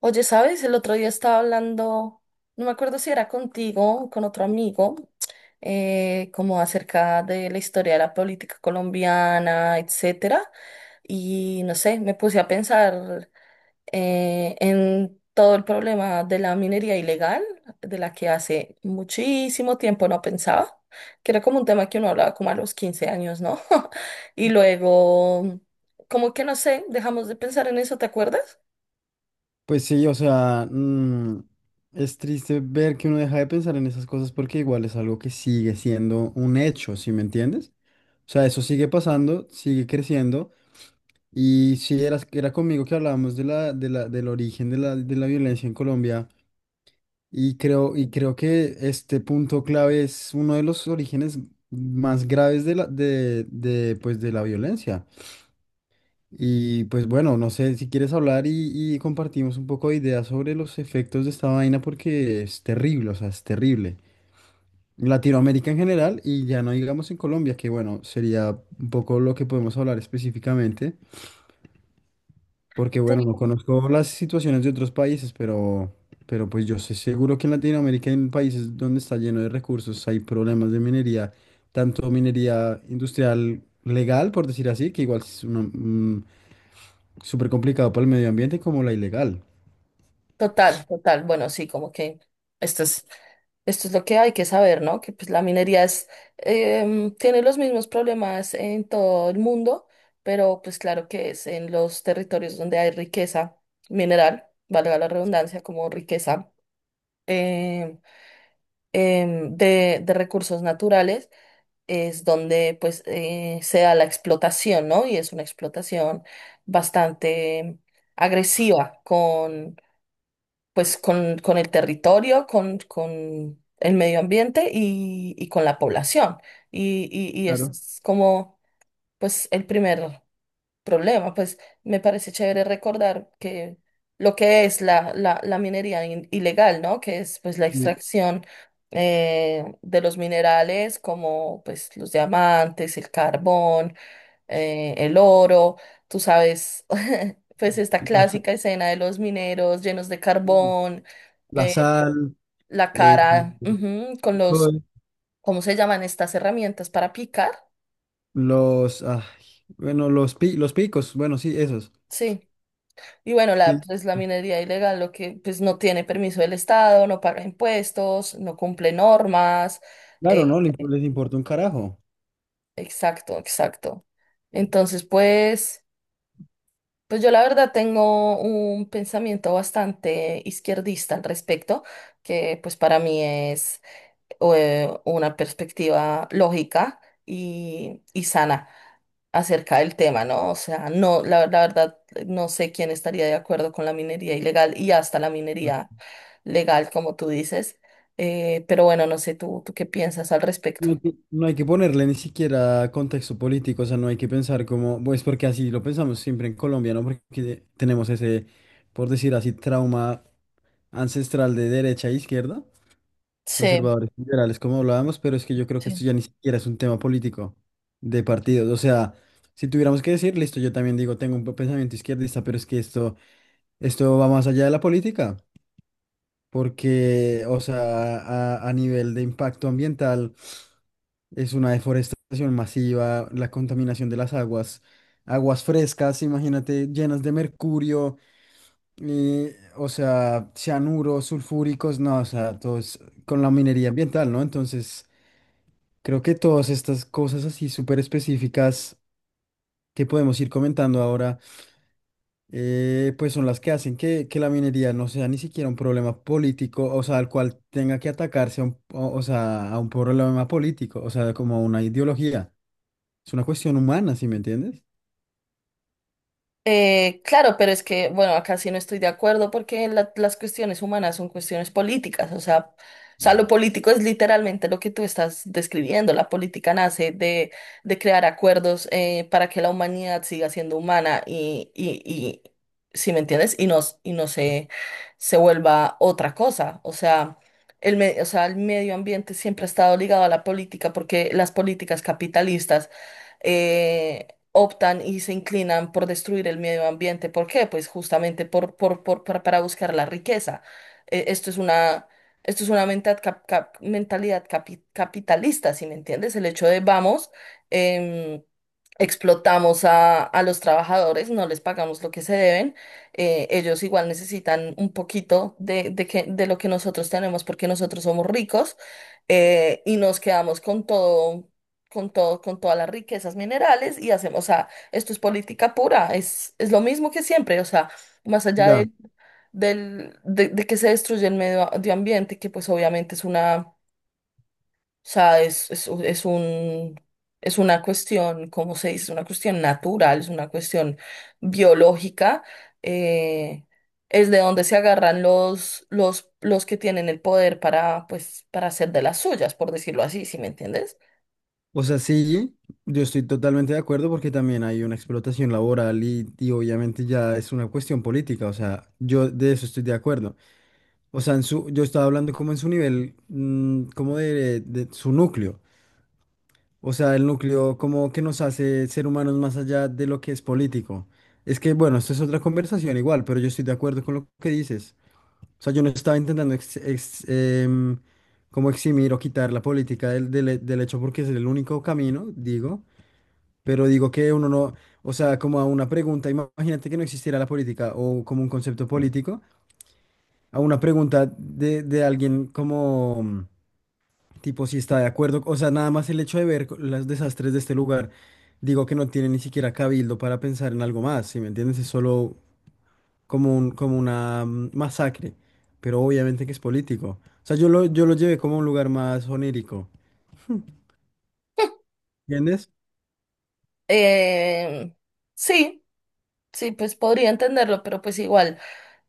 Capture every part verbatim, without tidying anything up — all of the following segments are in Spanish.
Oye, ¿sabes? El otro día estaba hablando, no me acuerdo si era contigo o con otro amigo, eh, como acerca de la historia de la política colombiana, etcétera. Y no sé, me puse a pensar eh, en todo el problema de la minería ilegal, de la que hace muchísimo tiempo no pensaba, que era como un tema que uno hablaba como a los quince años, ¿no? Y luego, como que no sé, dejamos de pensar en eso, ¿te acuerdas? Pues sí, o sea, mm, es triste ver que uno deja de pensar en esas cosas porque igual es algo que sigue siendo un hecho, ¿sí me entiendes? O sea, eso sigue pasando, sigue creciendo. Y sí, era, era conmigo que hablábamos de la, de la, del origen de la, de la violencia en Colombia. Y creo, y creo que este punto clave es uno de los orígenes más graves de la, de, de, pues, de la violencia. Y pues bueno, no sé si quieres hablar y, y compartimos un poco de ideas sobre los efectos de esta vaina porque es terrible, o sea, es terrible. En Latinoamérica en general y ya no digamos en Colombia, que bueno, sería un poco lo que podemos hablar específicamente, porque bueno, no conozco las situaciones de otros países, pero, pero pues yo sé seguro que en Latinoamérica, en países donde está lleno de recursos, hay problemas de minería, tanto minería industrial legal, por decir así, que igual es una, súper complicado para el medio ambiente como la ilegal. Total, total. Bueno, sí, como que esto es, esto es lo que hay que saber, ¿no? Que pues la minería es, em, tiene los mismos problemas en todo el mundo, pero pues claro que es en los territorios donde hay riqueza mineral, valga la redundancia, como riqueza em, em, de, de recursos naturales, es donde pues eh, se da la explotación, ¿no? Y es una explotación bastante agresiva pues con, con el territorio, con, con el medio ambiente y, y con la población. Y, y, y Claro. es como pues el primer problema. Pues me parece chévere recordar que lo que es la, la, la minería in- ilegal, ¿no? Que es pues la eh, extracción eh, de los minerales como pues los diamantes, el carbón, eh, el oro, tú sabes. Pues esta La, sa- clásica escena de los mineros llenos de carbón, la sal, la eh, cara, ujú, con todo. los, ¿cómo se llaman estas herramientas para picar? Los, ay, bueno, los, pi- los picos, bueno, sí, esos. Sí. Y bueno, la, Sí, pues la minería ilegal, lo que pues no tiene permiso del Estado, no paga impuestos, no cumple normas. claro, eh, ¿no? Les, les importa un carajo. exacto, exacto. Entonces, pues, pues yo la verdad tengo un pensamiento bastante izquierdista al respecto, que pues para mí o, eh, una perspectiva lógica y, y sana acerca del tema, ¿no? O sea, no, la, la verdad, no sé quién estaría de acuerdo con la minería ilegal y hasta la minería legal, como tú dices. Eh, pero bueno, no sé, tú, tú qué piensas al respecto. No hay que, no hay que ponerle ni siquiera contexto político, o sea, no hay que pensar como, pues porque así lo pensamos siempre en Colombia, ¿no? Porque tenemos ese, por decir así, trauma ancestral de derecha e izquierda. Sí, Conservadores y liberales, como hablábamos, pero es que yo creo que sí. esto ya ni siquiera es un tema político de partidos. O sea, si tuviéramos que decir, listo, yo también digo, tengo un pensamiento izquierdista, pero es que esto, esto va más allá de la política, porque, o sea, a, a nivel de impacto ambiental, es una deforestación masiva, la contaminación de las aguas, aguas frescas, imagínate, llenas de mercurio, eh, o sea, cianuros, sulfúricos, no, o sea, todo es con la minería ambiental, ¿no? Entonces... Creo que todas estas cosas así súper específicas que podemos ir comentando ahora, eh, pues son las que hacen que, que la minería no sea ni siquiera un problema político, o sea, al cual tenga que atacarse a un, o, o sea, a un problema político, o sea, como a una ideología. Es una cuestión humana, ¿sí me entiendes? Eh, claro, pero es que, bueno, acá sí no estoy de acuerdo porque la- las cuestiones humanas son cuestiones políticas, o sea, o sea, lo político es literalmente lo que tú estás describiendo. La política nace de, de crear acuerdos eh, para que la humanidad siga siendo humana y, y, y si me entiendes, y no, y no se, se vuelva otra cosa. O sea, el, me- o sea, el medio ambiente siempre ha estado ligado a la política porque las políticas capitalistas eh, optan y se inclinan por destruir el medio ambiente. ¿Por qué? Pues justamente por, por, por, para para buscar la riqueza. Eh, esto es una, esto es una menta- cap- cap- mentalidad capi- capitalista, ¿si me entiendes? El hecho de vamos, em, explotamos a, a los trabajadores, no les pagamos lo que se deben, eh, ellos igual necesitan un poquito de, de, que, de lo que nosotros tenemos porque nosotros somos ricos eh, y nos quedamos con todo con todo, con todas las riquezas minerales y hacemos, o sea, esto es política pura, es, es lo mismo que siempre, o sea, más allá Ya. de, del, de, de que se destruye el medio, medio ambiente, que pues obviamente es una, o sea, es, es, es un, es una cuestión, ¿cómo se dice? Es una cuestión natural, es una cuestión biológica, eh, es de donde se agarran los, los, los que tienen el poder para, pues, para hacer de las suyas, por decirlo así, ¿sí me entiendes? O sea, sí, yo estoy totalmente de acuerdo porque también hay una explotación laboral y, y obviamente ya es una cuestión política, o sea, yo de eso estoy de acuerdo. O sea, en su, yo estaba hablando como en su nivel, mm, como de, de su núcleo. O sea, el núcleo como que nos hace ser humanos más allá de lo que es político. Es que, bueno, esto es otra conversación igual, pero yo estoy de acuerdo con lo que dices. O sea, yo no estaba intentando ex- ex- em, como eximir o quitar la política del, del, del hecho porque es el único camino, digo. Pero digo que uno no, o sea, como a una pregunta, imagínate que no existiera la política o como un concepto político, a una pregunta de, de alguien como... Tipo, si está de acuerdo, o sea, nada más el hecho de ver co- los desastres de este lugar, digo que no tiene ni siquiera cabildo para pensar en algo más, ¿sí me entiendes? Es solo como un, como una mm, masacre, pero obviamente que es político. O sea, yo lo, yo lo llevé como a un lugar más onírico, ¿entiendes? Eh, sí, sí, pues podría entenderlo, pero pues igual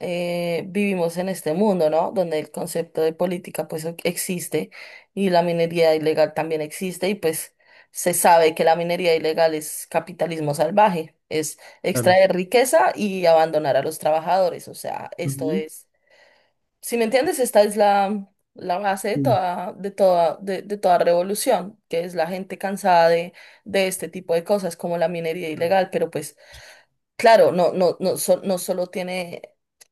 eh, vivimos en este mundo, ¿no? Donde el concepto de política pues e- existe y la minería ilegal también existe y pues se sabe que la minería ilegal es capitalismo salvaje, es Claro. extraer riqueza y abandonar a los trabajadores, o sea, esto Ujú. es si me entiendes, esta es la, la base de Sí. toda, de toda, de, de toda revolución, que es la gente cansada de, de este tipo de cosas, como la minería ilegal, pero pues claro, no, no, no, so- no solo tiene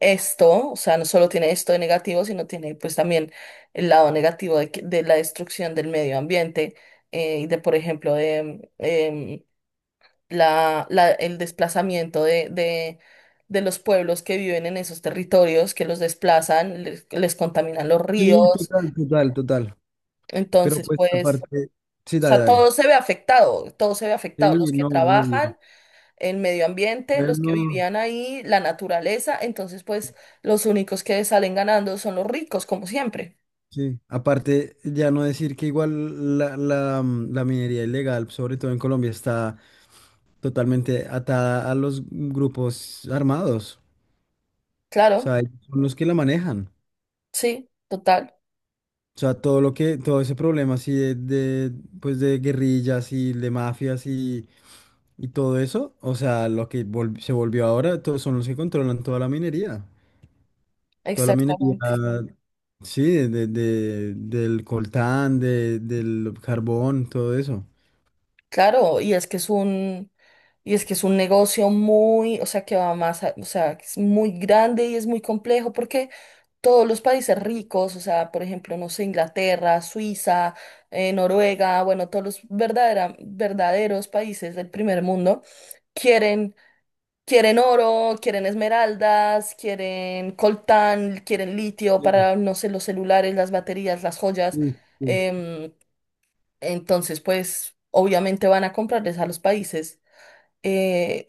esto, o sea, no solo tiene esto de negativo, sino tiene pues también el lado negativo de, que- de la destrucción del medio ambiente eh, y de, por ejemplo, de, em, la, la- el desplazamiento de, de, de los pueblos que viven en esos territorios, que los desplazan, les, les contaminan los Sí, ríos. total, total, total. Pero Entonces, pues pues, aparte, sí, o dale, sea, dale. todo se ve afectado, todo se ve afectado, los Sí, que no, obvio. trabajan, en medio ambiente, los que Bueno. vivían ahí, la naturaleza. Entonces, pues, los únicos que salen ganando son los ricos, como siempre. Sí, aparte, ya no decir que igual la, la, mm, la minería ilegal, sobre todo en Colombia, está totalmente atada a los grupos armados. O Claro, sea, ellos son los que la manejan. sí, total, O sea, todo lo que, todo ese problema así de, de, pues de guerrillas y de mafias y, y todo eso, o sea, lo que vol- se volvió ahora, todos son los que controlan toda la minería. Toda la minería, exactamente. sí, de, de- del coltán, de, del carbón, todo eso. Claro, y es que es un, y es que es un negocio muy, o sea, que va más, a- o sea, que es muy grande y es muy complejo porque todos los países ricos, o sea, por ejemplo, no sé, Inglaterra, Suiza, eh, Noruega, bueno, todos los verdadera- verdaderos países del primer mundo quieren, quieren oro, quieren esmeraldas, quieren coltán, quieren litio para, no sé, los celulares, las baterías, las joyas. Sí, sí, em, entonces, pues obviamente van a comprarles a los países eh,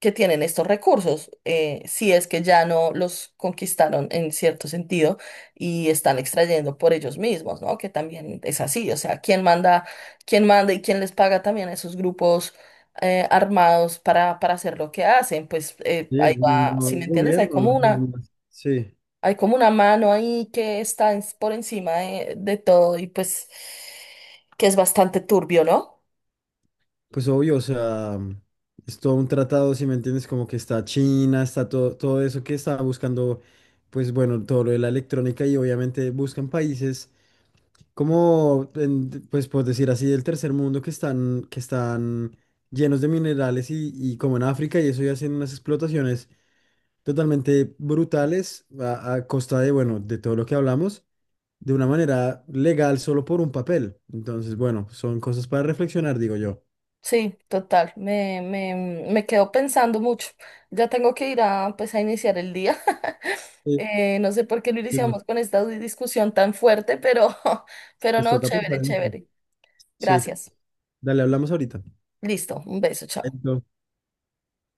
que tienen estos recursos, eh, si es que ya no los conquistaron en cierto sentido y están extrayendo por ellos mismos, ¿no? Que también es así, o sea, ¿quién manda, ¿quién manda y quién les paga también a esos grupos eh, armados para, para hacer lo que hacen? Pues eh, sí, ahí el va, mismo si me entiendes, hay gobierno, las como una mismas. Sí, hay como una mano ahí que está ens- por encima de, de todo y pues que es bastante turbio, ¿no? pues obvio, o sea, mm, es todo un tratado, si me entiendes, como que está China, está todo, todo eso que está buscando, pues bueno, todo lo de la electrónica y obviamente buscan países como, en- pues por decir así, del tercer mundo que están, que están llenos de minerales y, y como en África y eso ya hacen unas explotaciones totalmente brutales a, a costa de, bueno, de todo lo que hablamos. De una manera legal solo por un papel. Entonces, bueno, son cosas para reflexionar, digo yo. Sí, total. Me, me, me quedo pensando mucho. Ya tengo que ir a, pues, a iniciar el día. Sí, Eh, no sé por qué lo sí, bueno, iniciamos con esta di- discusión tan fuerte, pero, pero les no, toca pensar chévere, en eso. chévere. Sí, Gracias. dale, hablamos ahorita. Listo. Un beso, chao. Entonces,